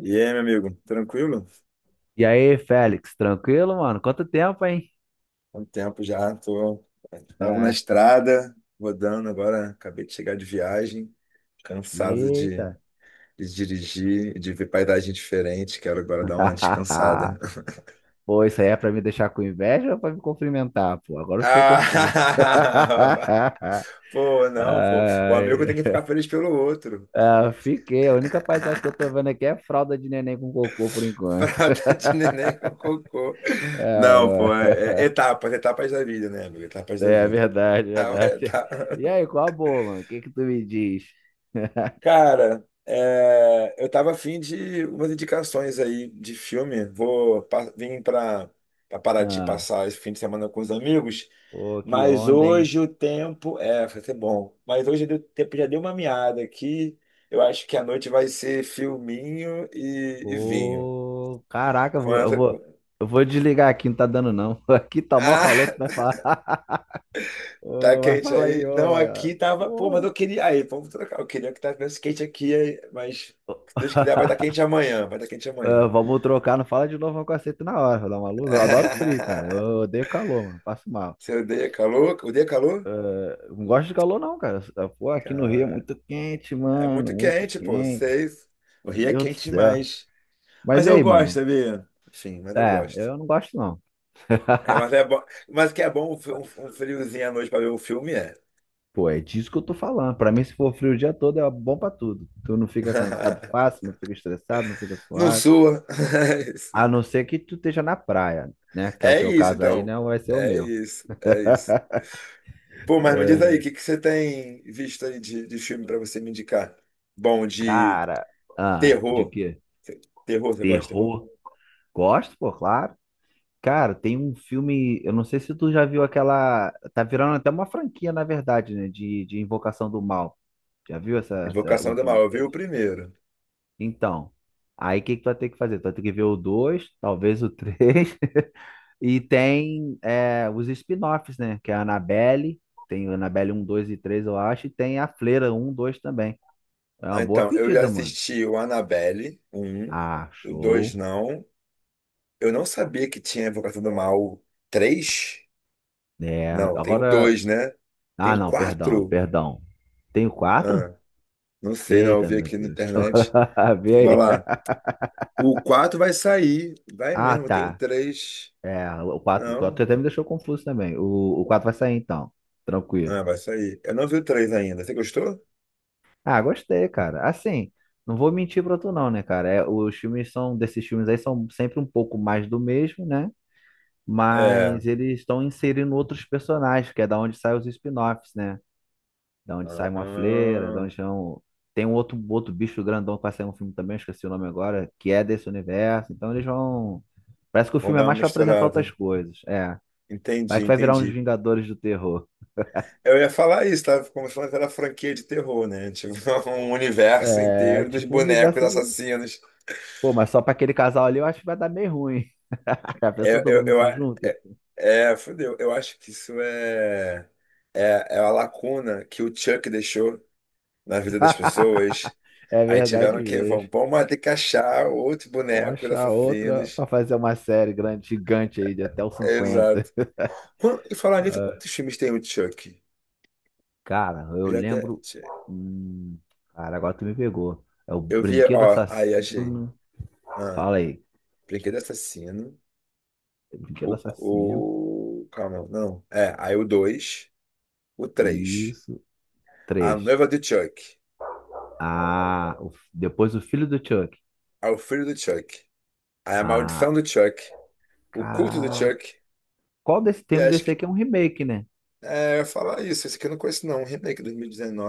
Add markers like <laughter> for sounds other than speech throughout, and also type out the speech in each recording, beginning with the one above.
E aí, meu amigo, tranquilo? E aí, Félix, tranquilo, mano? Quanto tempo, hein? Há um tempo já, tô... Tava na Ah, estrada, rodando agora, acabei de chegar de viagem, cansado de, eita. de dirigir, de ver paisagem diferente, quero agora dar uma <laughs> descansada. <laughs> Pô, isso aí é pra me deixar com inveja ou pra me cumprimentar, pô? Agora eu fiquei confuso. Ah! <laughs> Pô, <laughs> não, pô. O amigo tem Ai, que ficar feliz pelo outro. ah, fiquei. A única paisagem que eu tô <laughs> vendo aqui é fralda de neném com cocô por enquanto. <laughs> Fralda de neném com cocô. Não, pô, É, é etapas, etapas da vida, né, amigo? Etapas é da é vida. verdade, é Ah, é, verdade. tá. E aí, qual a boa, mano? O que que tu me diz? <laughs> Cara, é, eu tava afim de umas indicações aí de filme. Vim para Paraty Ah, passar esse fim de semana com os amigos, pô, que mas onda, hein? hoje o tempo vai ser bom. Mas hoje o tempo já deu uma meada aqui. Eu acho que a noite vai ser filminho e vinho. Pô, caraca, eu Com vou, eu essa... vou, com- eu vou desligar aqui, não tá dando não. <laughs> Aqui tá mó calor, tu Ah, vai falar. <laughs> <laughs> tá Ô, vai quente falar aí, aí. Não, ó. aqui tava. Pô, mas Pô. eu queria. Aí, vamos trocar. Eu queria que tivesse quente aqui, aí, mas se Deus quiser, vai estar <laughs> quente amanhã. Vai estar quente Ah, amanhã. vamos trocar, não fala de novo um cacete na hora, dá maluco. Eu adoro frio, cara. Eu <laughs> odeio calor, mano. Passo mal. Você odeia calor? Odeia calor? Eu não gosto de calor, não, cara. Pô, aqui no Rio é Cara, muito quente, é mano. muito Muito quente, pô. quente. Seis. O Meu Rio é Deus do quente céu. demais. Mas Mas e eu aí, gosto, mano? sabia? Enfim, mas eu É, gosto. eu não gosto, não. É, mas <laughs> é bom. Mas que é bom um, um friozinho à noite pra ver um filme, é. Pô, é disso que eu tô falando. Pra mim, se for frio o dia todo, é bom pra tudo. Tu não fica cansado fácil, não <laughs> fica estressado, não fica Não suado. sua. <laughs> A não ser que tu esteja na praia, né? Que é o É teu isso, é caso aí, então. não vai ser o É meu. isso, é isso. Pô, mas me diz aí, o que que você tem visto aí de filme pra você me indicar? Bom, de Cara, ah, de terror. quê? Terror, você gosta de terror? Terror. Gosto, pô, claro. Cara, tem um filme, eu não sei se tu já viu aquela. Tá virando até uma franquia, na verdade, né? De Invocação do Mal. Já viu Invocação um do Mal, filme eu vi o desse? primeiro. Então, aí o que que tu vai ter que fazer? Tu vai ter que ver o 2, talvez o 3. <laughs> E tem os spin-offs, né? Que é a Annabelle, tem a Annabelle 1, 2 e 3 eu acho, e tem a Fleira um 2 também. É Ah, uma boa então, eu já pedida, mano. assisti o Annabelle, o 1, Ah, o 2 show. não. Eu não sabia que tinha Invocação do Mal Três. É, Não, tem o agora. 2, né? Tem Ah, o não, perdão, 4. perdão. Tem o 4? Ah, não sei, não, eu Eita, vi meu aqui na Deus. <laughs> internet. Agora vê Vou aí. lá. O 4 vai sair. Vai Ah, mesmo, tem o tá. 3. É, o quatro o Não. quatro até me deixou confuso também. O quatro vai sair então. Tranquilo. Ah, vai sair. Eu não vi o três ainda. Você gostou? Ah, gostei, cara. Assim, não vou mentir pra tu, não, né, cara? É, desses filmes aí são sempre um pouco mais do mesmo, né? É. Mas eles estão inserindo outros personagens, que é da onde saem os spin-offs, né? Da onde sai uma fleira, da Ah, onde são... Tem um outro bicho grandão que vai sair um filme também, eu esqueci o nome agora, que é desse universo. Então eles vão. Parece que o vamos filme é dar uma mais para apresentar misturada. outras coisas. É. Vai Entendi, que vai virar uns entendi. Vingadores do Terror. Eu ia falar isso, tava começando aquela franquia de terror, né? Tipo, <laughs> um universo É, inteiro dos tipo, o bonecos universo de. assassinos. Pô, mas só pra aquele casal ali eu acho que vai dar meio ruim. <laughs> A pessoa todo mundo Eu, se a- junta. é, é, fudeu. Eu acho que isso é, é a lacuna que o Chuck deixou na vida das pessoas. É Aí verdade tiveram que, vamos, mesmo. vamos ter que achar outro Vamos boneco de achar outra assassinos. pra fazer uma série grande, gigante aí de até os 50. Exato. E falar nisso, quantos filmes tem o Chuck? Cara, Eu eu já até. lembro. Hum, cara, agora tu me pegou. É o Eu vi, Brinquedo ó, aí achei. Assassino. Ah, Fala aí. Brinquedo Assassino. Brinquedo O, Assassino. Calma, não. É, aí o 2 o três. Isso. A Três. noiva do Chuck. Ah, depois o Filho do Chuck. Aí o filho do Chuck. Aí a maldição Ah, do Chuck. O culto do cara. Chuck. Qual desse? E Tem um acho desse aí que. que é um remake, né? É, eu ia falar isso. Esse aqui eu não conheço, não. Um remake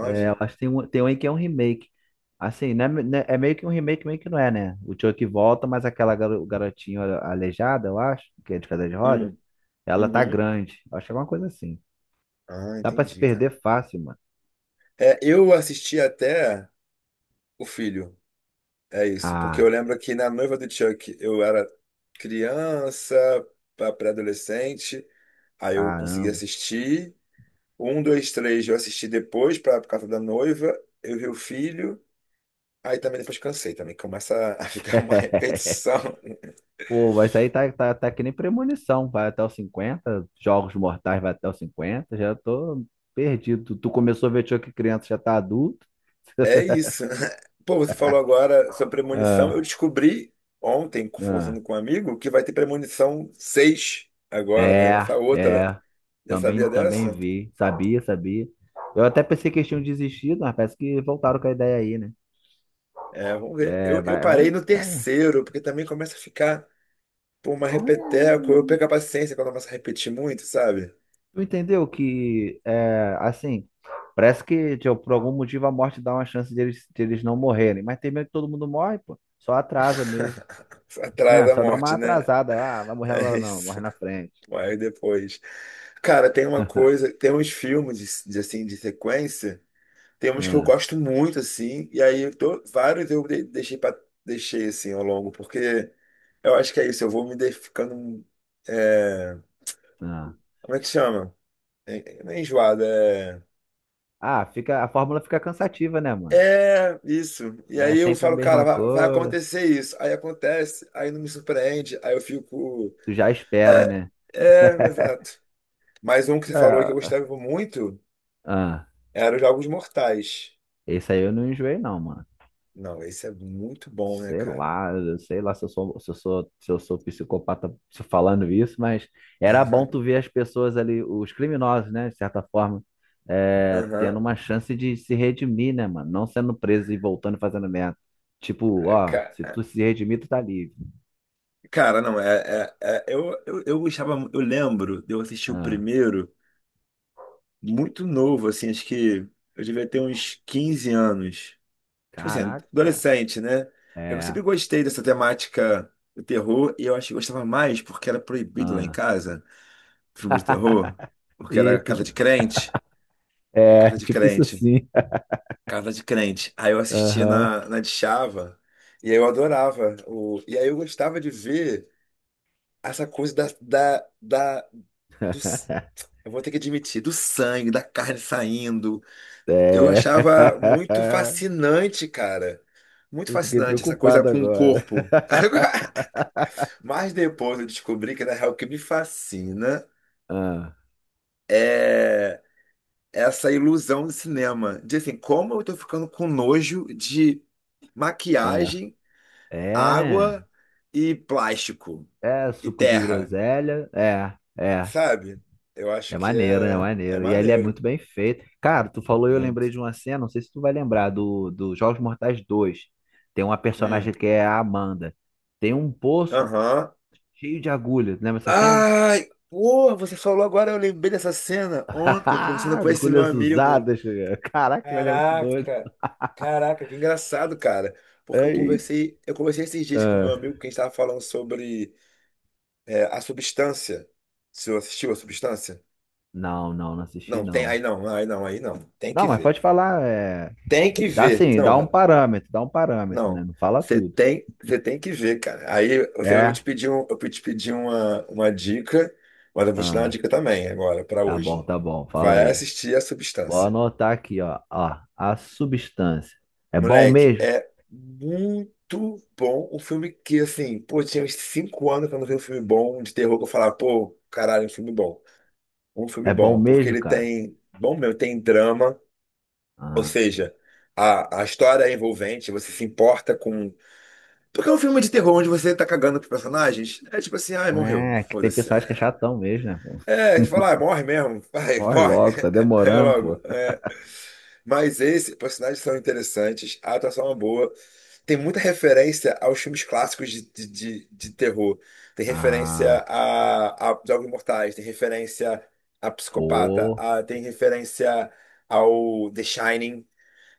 É, eu acho que tem um aí que é um remake. Assim, né, né, é meio que um remake, meio que não é, né? O Chuck volta, mas aquela garotinha aleijada, eu acho, que é de cadeira de rodas, Hum, ela tá uhum. grande. Eu acho que é alguma coisa assim. Ah, Dá pra se entendi, cara. perder fácil. É, eu assisti até o filho. É isso. Porque eu Ah, lembro que na noiva do Chuck eu era criança, pré-adolescente. Aí eu consegui caramba. assistir. Um, dois, três eu assisti depois por causa da noiva. Eu vi o filho. Aí também depois cansei também. Começa a <laughs> ficar uma <laughs> repetição. Pô, mas isso aí tá que nem premonição. Vai até os 50, Jogos Mortais vai até os 50. Já tô perdido. Tu começou a ver Chuck criança, já tá adulto. É <laughs> isso. <laughs> Pô, você falou agora sobre premonição. Eu Ah, descobri ontem, ah. conversando com um amigo, que vai ter premonição 6 agora. Vai É, lançar outra. é. Já Também, sabia também dessa? vi. Sabia, sabia. Eu até pensei que eles tinham desistido, mas parece que voltaram com a ideia aí, né? É, vamos ver. É, Eu vai. parei Vamos, no é, terceiro, porque também começa a ficar por uma repeteco. vamos, Eu perco a paciência quando começa a repetir muito, sabe? tu entendeu que, é, assim, parece que tipo, por algum motivo a morte dá uma chance deles não morrerem, mas tem medo que todo mundo morre, pô. Só atrasa mesmo, <laughs> Atrás né? da Só dá uma morte, né? atrasada. Ah, vai morrer É agora não, isso. morre na frente. Aí depois. Cara, tem uma coisa, tem uns filmes de, assim de sequência, tem uns que eu Ah, gosto muito assim, e aí vários eu deixei assim ao longo, porque eu acho que é isso, eu vou ficando é, ah. como é que chama? É, não é enjoado, é Ah, fica, a fórmula fica cansativa, né, mano? é isso. E É aí eu sempre a falo, cara, mesma vai coisa. acontecer isso. Aí acontece, aí não me surpreende, aí eu fico. Tu já espera, é, né? é, exato. Mas um que você falou que eu É, gostava muito ah, era os Jogos Mortais. esse aí eu não enjoei, não, mano. Não, esse é muito bom, né, Sei cara? lá, eu sei lá se eu sou, se eu sou, se eu sou psicopata se falando isso, mas era bom tu <laughs> ver as pessoas ali, os criminosos, né, de certa forma, Aham. tendo uma chance de se redimir, né, mano? Não sendo preso e voltando e fazendo merda. Tipo, É, ó, ca- se tu se redimir, tu tá livre. Cara, não, eu gostava, eu lembro de eu assistir o Ah, primeiro muito novo, assim, acho que eu devia ter uns 15 anos. Tipo assim, caraca, adolescente, né? Eu é. sempre gostei dessa temática do terror e eu acho que gostava mais porque era proibido lá em Ah. casa, filme de terror, <laughs> porque E era casa tudo. de crente, É, casa de tipo isso crente. assim. Casa de Crente. Aí eu assistia Aham. na Discava e aí eu adorava. O, e aí eu gostava de ver essa coisa, do, s- <laughs> eu vou ter que admitir, do sangue, da carne saindo. Eu É. achava muito <laughs> fascinante, cara. Muito Eu fiquei fascinante essa coisa preocupado com o agora. corpo. <laughs> <laughs> Mas depois eu descobri que, na real, o que me fascina Ah. é essa ilusão do cinema. De assim, como eu tô ficando com nojo de É, maquiagem, é, né? água e plástico É, e suco de terra, groselha. É, é. sabe? Eu acho É que maneiro, é é maneiro. E ele é maneiro, muito bem feito. Cara, tu falou e eu lembrei muito. de uma cena, não sei se tu vai lembrar, do Jogos Mortais 2. Tem uma Hum, personagem que é a Amanda. Tem um poço aham. cheio de agulhas. Lembra essa cena? Ai, porra, você falou agora, eu lembrei dessa cena ontem, conversando <laughs> com esse meu Agulhas amigo. usadas. Caraca, ele é muito doido. Caraca, caraca, que engraçado, cara. Porque eu Eita. conversei, eu conversei esses dias com meu amigo que a gente tava falando sobre a substância. Você assistiu a substância? Não, não, não assisti, Não, tem, aí não. não, aí não, aí não. Tem que Não, mas ver. pode falar. É... Tem que Dá ver. assim, Não, dá um parâmetro, não, né? Não fala você tudo. tem, você tem que ver, cara. Aí eu vou É. te pedir uma dica, mas eu vou te dar uma Ah, dica também agora pra tá bom, hoje. tá bom. Fala Vai aí. assistir A Vou Substância. anotar aqui, ó. Ó, a substância. É bom Moleque, mesmo? é muito bom um filme que, assim, pô, tinha uns 5 anos que eu não vi um filme bom de terror que eu falava, pô, caralho, um filme bom. Um filme É bom bom, porque mesmo, ele cara? tem, bom meu, tem drama, ou Ah, seja, a história é envolvente, você se importa com. Porque é um filme de terror onde você tá cagando pros personagens. É tipo assim, ai, morreu. é, que tem Foda-se. pessoas que é chatão mesmo, né, pô? É, de falar, ah, morre mesmo. Vai, Corre morre. logo, tá <laughs> Aí demorando, logo. pô. É. Mas esses personagens são interessantes, a atuação é boa. Tem muita referência aos filmes clássicos de terror. Tem referência Ah, a Jogos Mortais, tem referência a Psicopata, pô. Tem referência ao The Shining.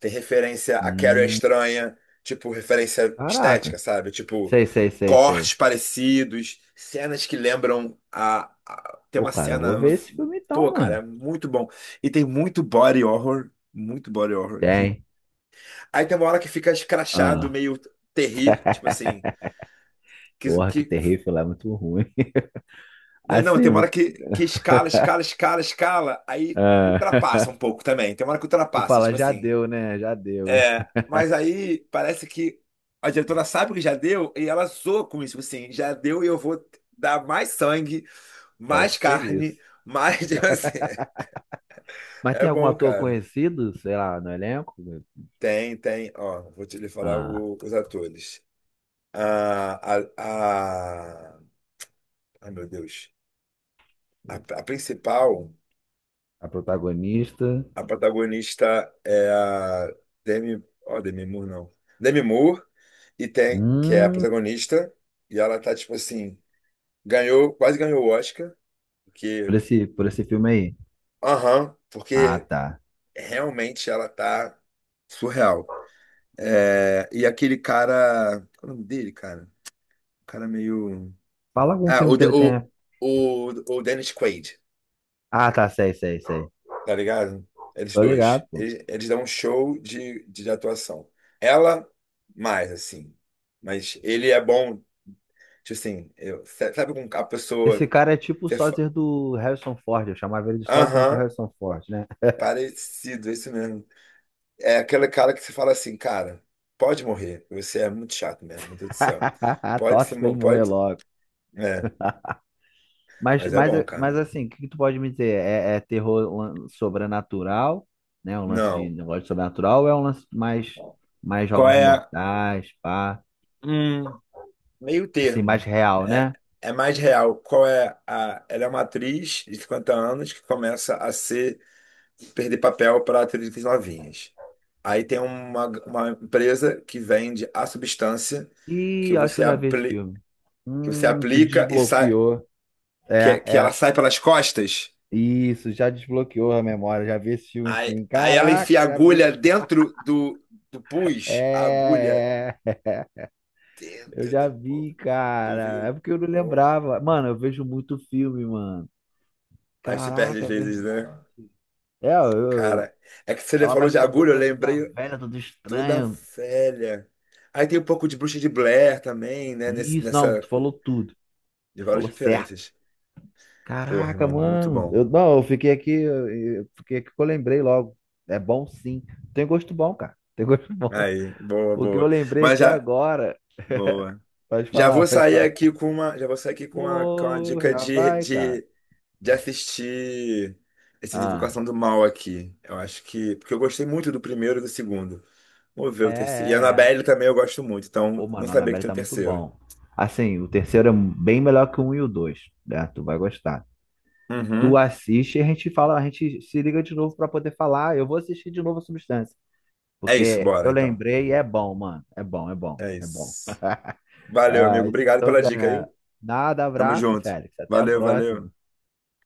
Tem referência a Carrie a Hum, Estranha, tipo, referência estética, caraca. sabe? Tipo, Sei, sei, sei, sei. cortes parecidos, cenas que lembram Tem Pô, uma cara, eu cena. vou ver esse filme Pô, então, cara, é mano. muito bom. E tem muito body horror, muito body horror. Que... Tem. Aí tem uma hora que fica escrachado, Ah. meio terrir, tipo assim. <laughs> Que, Porra, que que... terrível, lá é muito ruim. <laughs> Não, não, Assim, tem uma hora muito... que escala, <laughs> escala, escala, escala, aí ultrapassa um Ah, <laughs> pouco também. Tem uma hora que tu ultrapassa, fala, tipo já assim. deu, né? Já deu. É, mas aí parece que a diretora sabe que já deu e ela zoa com isso, tipo assim, já deu e eu vou dar mais sangue, Pode mais ser carne, isso. mais, <laughs> tipo assim, Mas é tem algum bom, ator cara. conhecido, sei lá, no elenco? Tem, ó, vou te lhe falar Ah, os atores. A, a, a, ai, meu Deus, a principal, a protagonista. a protagonista é a Demi, ó, Demi Moore não, Demi Moore, e tem, que é a Hum, protagonista, e ela tá, tipo assim, ganhou, quase ganhou o Oscar, por porque, esse, por esse filme aí. aham, Ah, porque tá. realmente ela tá surreal. É, e aquele cara, qual é o nome dele, cara? O cara meio. Fala algum Ah, filme o, que De- ele tenha. o, o Dennis Quaid, Ah, tá, sei, sei, sei. tá ligado? Eles Tô dois. ligado, pô. Eles dão um show de atuação. Ela, mais, assim. Mas ele é bom, tipo assim, eu, sabe com a pessoa. Esse cara é tipo o você fa- sósia do Harrison Ford. Eu chamava ele de sósia do Aham, Harrison Ford, né? parecido, é isso mesmo. É aquele cara que você fala assim, cara, pode morrer. Você é muito chato mesmo, meu Deus do céu. <laughs> Pode se Tosse pra ele mo- morrer pode. logo. É, Mas, mas é mas, bom, mas cara. assim, o que que tu pode me dizer? É terror sobrenatural, né? Um lance de Não. negócio de sobrenatural ou é um lance mais, Qual jogos é a. mortais, pá? Hum, Meio Assim, mais termo. real, É, né? é mais real. Qual é a. Ela é uma atriz de 50 anos que começa a ser perder papel para atrizes novinhas. Aí tem uma empresa que vende a substância que Ih, eu acho que você, eu já vi esse apli, filme. que você Tu aplica e sai, desbloqueou. É, que ela é. sai pelas costas. Isso, já desbloqueou a memória. Já vi esse filme, Aí, sim. aí ela enfia a Caraca, já agulha vi. dentro do pus, a agulha É, é. Eu dentro já do pus. vi, Tu cara. É viu? porque eu não Porra. lembrava. Mano, eu vejo muito filme, mano. Aí se perde Caraca, às é verdade. vezes, né? É, Cara, é que você ela falou vai de ficando agulha, eu toda, toda lembrei velha, toda toda estranha. velha. Aí tem um pouco de Bruxa de Blair também, né? Nesse, Isso, não, nessa. tu falou tudo. De Tu várias falou certo. referências. Porra, Caraca, irmão, muito mano. bom. Eu, não, eu fiquei aqui, eu fiquei aqui que eu lembrei logo. É bom sim. Tem gosto bom, cara. Tem gosto <laughs> bom. Aí, boa, O que eu boa. lembrei Mas aqui já. agora. Boa. Pode Já falar, vou pode sair falar. aqui com uma. Já vou sair aqui com uma Pô, dica já de, vai, cara. de, de assistir esse Ah, Invocação do Mal aqui. Eu acho que. Porque eu gostei muito do primeiro e do segundo. Vamos ver é, o terceiro. E a é, Annabelle é. também eu gosto muito, então Pô, não mano, o sabia que Annabelle tem um tá muito terceiro. bom. Assim, o terceiro é bem melhor que o um e o dois, né? Tu vai gostar. Tu Uhum. assiste e a gente fala, a gente se liga de novo pra poder falar. "Ah, eu vou assistir de novo a Substância, É isso, porque bora eu então. lembrei e é bom, mano. É bom, é bom, É é bom. isso. Valeu, Ah, amigo. Obrigado então pela já. dica, viu? Nada, Tamo abraço, junto. Félix. Até a Valeu, próxima. valeu.